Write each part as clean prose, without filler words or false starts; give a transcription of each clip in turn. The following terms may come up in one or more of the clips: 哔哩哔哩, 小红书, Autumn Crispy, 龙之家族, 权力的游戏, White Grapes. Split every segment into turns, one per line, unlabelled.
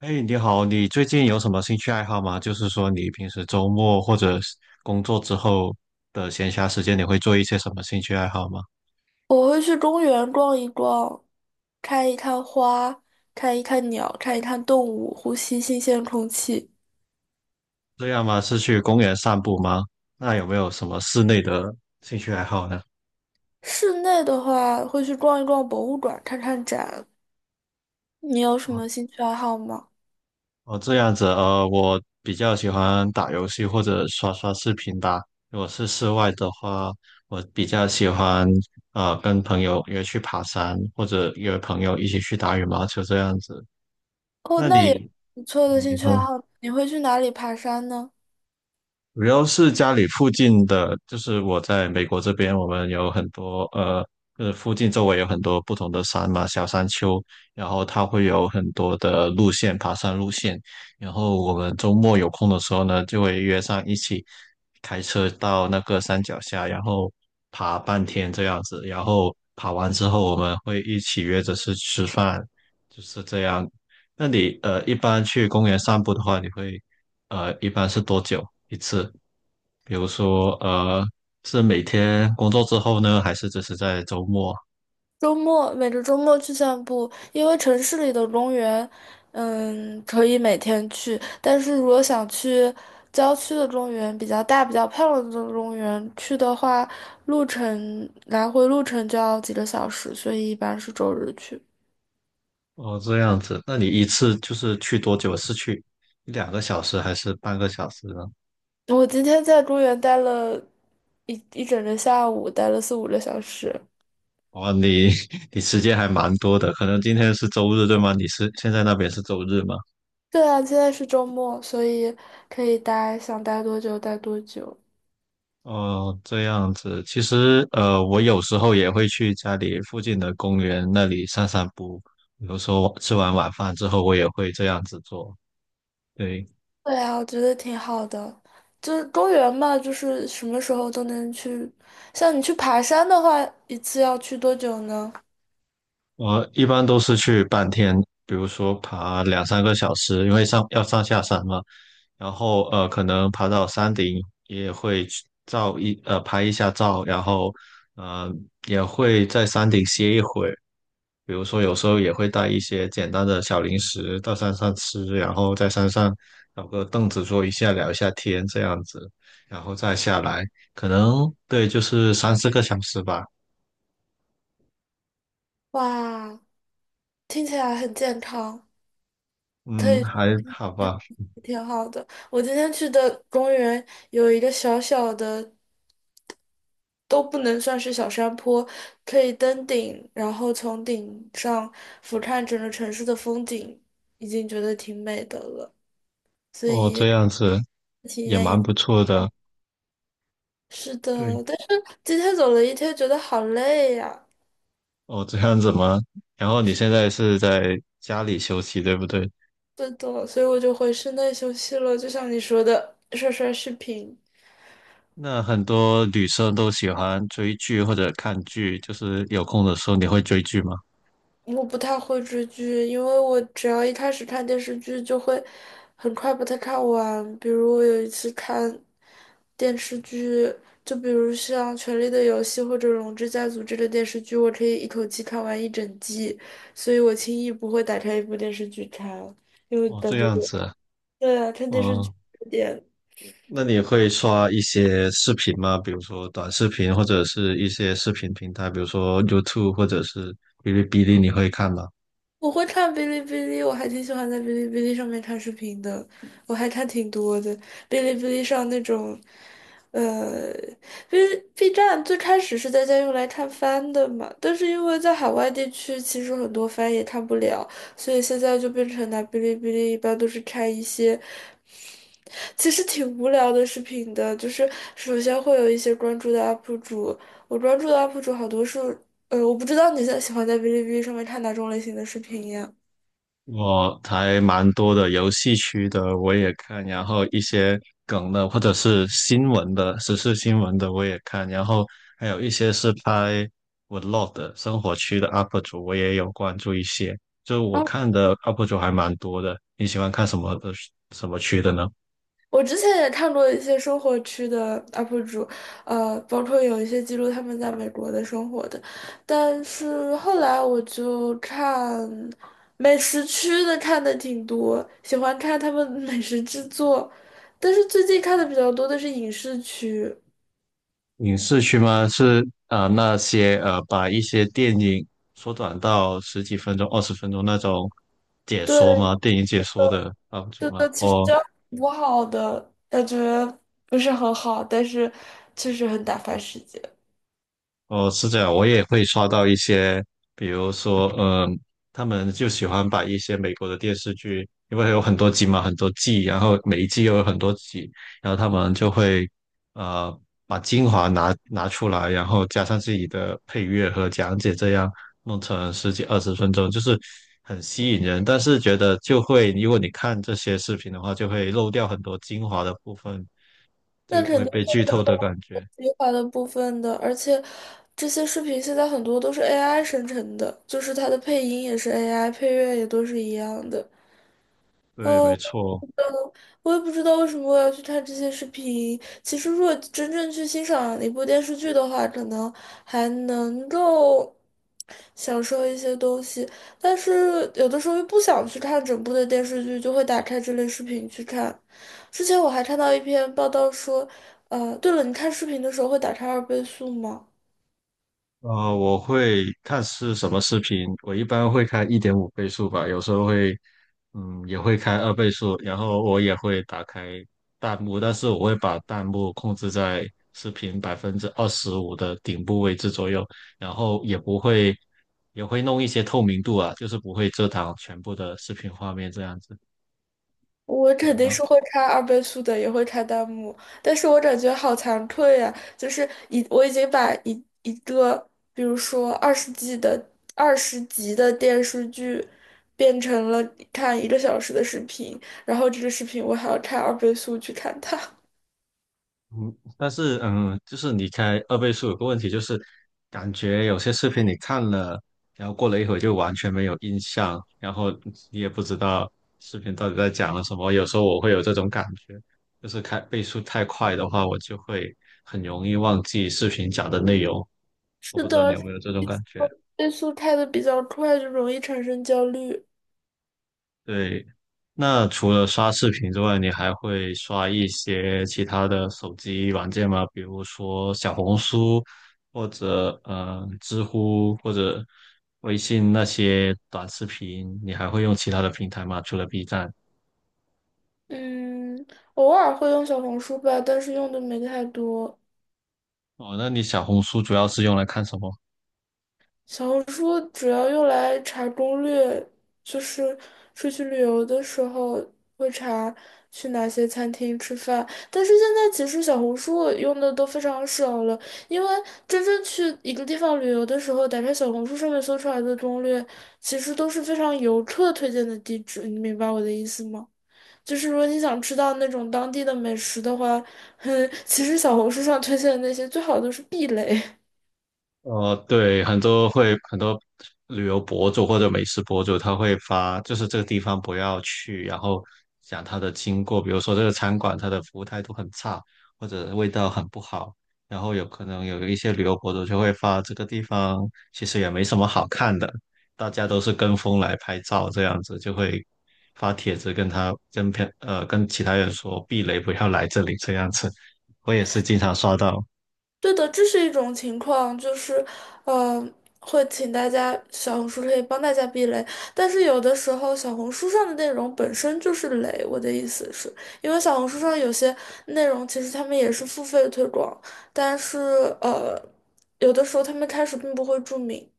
哎，你好，你最近有什么兴趣爱好吗？就是说，你平时周末或者是工作之后的闲暇时间，你会做一些什么兴趣爱好吗？
我会去公园逛一逛，看一看花，看一看鸟，看一看动物，呼吸新鲜空气。
这样吗？是去公园散步吗？那有没有什么室内的兴趣爱好呢？
室内的话，会去逛一逛博物馆，看看展。你有什
哦
么兴趣爱好吗？
哦，这样子，我比较喜欢打游戏或者刷刷视频吧。如果是室外的话，我比较喜欢跟朋友约去爬山，或者约朋友一起去打羽毛球这样子。
哦，
那
那也
你，
不错的兴
你
趣爱
说？
好。你会去哪里爬山呢？
主要是家里附近的，就是我在美国这边，我们有很多附近周围有很多不同的山嘛，小山丘，然后它会有很多的路线，爬山路线。然后我们周末有空的时候呢，就会约上一起开车到那个山脚下，然后爬半天这样子。然后爬完之后，我们会一起约着去吃饭，就是这样。那你一般去公园散步的话，你会一般是多久？一次，比如说,是每天工作之后呢，还是只是在周末？
周末每个周末去散步，因为城市里的公园，嗯，可以每天去。但是如果想去郊区的公园，比较大、比较漂亮的公园去的话，路程来回路程就要几个小时，所以一般是周日去。
哦，这样子，那你一次就是去多久？是去一两个小时还是半个小时呢？
我今天在公园待了一整个下午，待了四五个小时。
哦，你 你时间还蛮多的，可能今天是周日对吗？你是现在那边是周日吗？
对啊，现在是周末，所以可以待，想待多久待多久。
哦，这样子，其实,我有时候也会去家里附近的公园那里散散步，比如说吃完晚饭之后，我也会这样子做。对。
对啊，我觉得挺好的。就是公园嘛，就是什么时候都能去。像你去爬山的话，一次要去多久呢？
我一般都是去半天，比如说爬两三个小时，因为要上下山嘛。然后可能爬到山顶也会去拍一下照，然后呃也会在山顶歇一会儿。比如说有时候也会带一些简单的小零食到山上吃，然后在山上找个凳子坐一下，聊一下天这样子，然后再下来，可能对就是三四个小时吧。
哇，听起来很健康，可
嗯，
以，
还好吧。
挺好的。我今天去的公园有一个小小的，都不能算是小山坡，可以登顶，然后从顶上俯瞰整个城市的风景，已经觉得挺美的了。所
哦，这
以
样子
体
也
验
蛮
一。
不错的。
是的，
对，
但是今天走了一天，觉得好累呀。
哦，这样子吗？然后你现在是在家里休息，对不对？
是的，所以我就回室内休息了。就像你说的，刷刷视频。
那很多女生都喜欢追剧或者看剧，就是有空的时候你会追剧吗？
我不太会追剧，因为我只要一开始看电视剧，就会很快把它看完。比如我有一次看电视剧，就比如像《权力的游戏》或者《龙之家族》这类电视剧，我可以一口气看完一整季，所以我轻易不会打开一部电视剧看，因为
哦，
感
这
觉
样子啊。
对啊，看电视剧
哦，
有点。
那你会刷一些视频吗？比如说短视频或者是一些视频平台，比如说 YouTube 或者是哔哩哔哩，你会看吗？
我会看哔哩哔哩，我还挺喜欢在哔哩哔哩上面看视频的，我还看挺多的。哔哩哔哩上那种，呃，B B 站最开始是大家用来看番的嘛，但是因为在海外地区，其实很多番也看不了，所以现在就变成拿哔哩哔哩，一般都是看一些其实挺无聊的视频的，就是首先会有一些关注的 UP 主，我关注的 UP 主好多是，我不知道你在喜欢在哔哩哔哩上面看哪种类型的视频呀。
我还蛮多的，游戏区的我也看，然后一些梗的或者是新闻的、时事新闻的我也看，然后还有一些是拍 vlog 的生活区的 UP 主，我也有关注一些。就我看的 UP 主还蛮多的。你喜欢看什么区的呢？
我之前也看过一些生活区的 UP 主，包括有一些记录他们在美国的生活的，但是后来我就看美食区的看的挺多，喜欢看他们美食制作，但是最近看的比较多的是影视区，
影视区吗？是啊,那些把一些电影缩短到十几分钟、二十分钟那种解说吗？
对，
电影解说的 UP 主
这
吗？
个其实
哦。
不好的，感觉不是很好，但是确实很打发时间。
哦，是这样，我也会刷到一些，比如说，他们就喜欢把一些美国的电视剧，因为有很多集嘛，很多季，然后每一季又有很多集，然后他们就会，呃，把精华拿出来，然后加上自己的配乐和讲解，这样弄成十几二十分钟，就是很吸引人。但是觉得就会，如果你看这些视频的话，就会漏掉很多精华的部分，
那
就
肯
会
定
被
会
剧
漏
透
掉
的感觉。
我计划的部分的，而且这些视频现在很多都是 AI 生成的，就是它的配音也是 AI，配乐也都是一样的。
对，没
哦，
错。
我也不知道为什么我要去看这些视频。其实，如果真正去欣赏一部电视剧的话，可能还能够享受一些东西，但是有的时候又不想去看整部的电视剧，就会打开这类视频去看。之前我还看到一篇报道说，对了，你看视频的时候会打开二倍速吗？
我会看是什么视频，我一般会开一点五倍速吧，有时候会，也会开二倍速，然后我也会打开弹幕，但是我会把弹幕控制在视频百分之二十五的顶部位置左右，然后也不会，也会弄一些透明度啊，就是不会遮挡全部的视频画面这样子。
我
你
肯定
呢？
是会看二倍速的，也会看弹幕，但是我感觉好惭愧呀、就是我已经把一个，比如说二十集的电视剧，变成了看一个小时的视频，然后这个视频我还要看二倍速去看它。
嗯，但是就是你开二倍速有个问题，就是感觉有些视频你看了，然后过了一会儿就完全没有印象，然后你也不知道视频到底在讲了什么。有时候我会有这种感觉，就是开倍速太快的话，我就会很容易忘记视频讲的内容。我
是
不知
的，
道你
而
有
且
没有这种感觉？
倍速开的比较快，就容易产生焦虑。
对。那除了刷视频之外，你还会刷一些其他的手机软件吗？比如说小红书，或者知乎，或者微信那些短视频，你还会用其他的平台吗？除了 B 站？
嗯，偶尔会用小红书吧，但是用的没太多。
哦，那你小红书主要是用来看什么？
小红书主要用来查攻略，就是出去旅游的时候会查去哪些餐厅吃饭。但是现在其实小红书我用的都非常少了，因为真正去一个地方旅游的时候，打开小红书上面搜出来的攻略，其实都是非常游客推荐的地址。你明白我的意思吗？就是如果你想吃到那种当地的美食的话，哼，其实小红书上推荐的那些最好都是避雷。
对，很多旅游博主或者美食博主，他会发就是这个地方不要去，然后讲他的经过，比如说这个餐馆它的服务态度很差，或者味道很不好，然后有可能有一些旅游博主就会发这个地方其实也没什么好看的，大家都是跟风来拍照，这样子就会发帖子跟他跟别呃跟其他人说避雷不要来这里这样子，我也是经常刷到。
对的，这是一种情况，就是，呃，会请大家小红书可以帮大家避雷，但是有的时候小红书上的内容本身就是雷，我的意思是，因为小红书上有些内容其实他们也是付费推广，但是呃，有的时候他们开始并不会注明，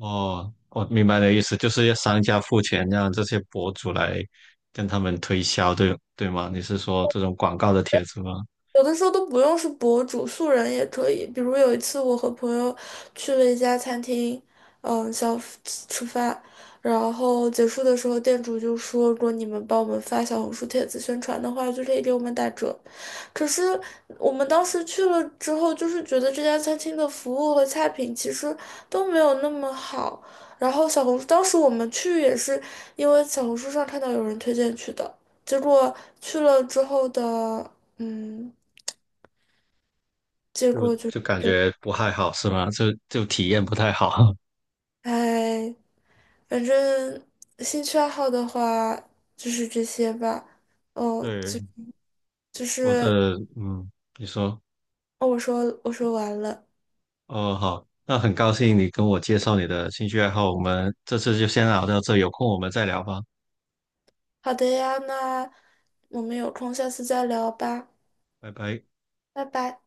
哦，我明白你的意思，就是要商家付钱让这些博主来跟他们推销，对，对吗？你是说这种广告的帖子吗？
有的时候都不用是博主，素人也可以。比如有一次，我和朋友去了一家餐厅，嗯，吃饭，然后结束的时候，店主就说，如果你们帮我们发小红书帖子宣传的话，就可以给我们打折。可是我们当时去了之后，就是觉得这家餐厅的服务和菜品其实都没有那么好。然后小红书，当时我们去也是因为小红书上看到有人推荐去的，结果去了之后的，嗯。结
就
果就是，
就感觉不太好，是吗？就体验不太好。
哎，反正兴趣爱好的话就是这些吧。哦，
对，
就
我
是，
的，嗯，你说，
哦，我说我说完了。
哦，好，那很高兴你跟我介绍你的兴趣爱好，我们这次就先聊到这，有空我们再聊吧，
好的呀，那我们有空下次再聊吧，
拜拜。
拜拜。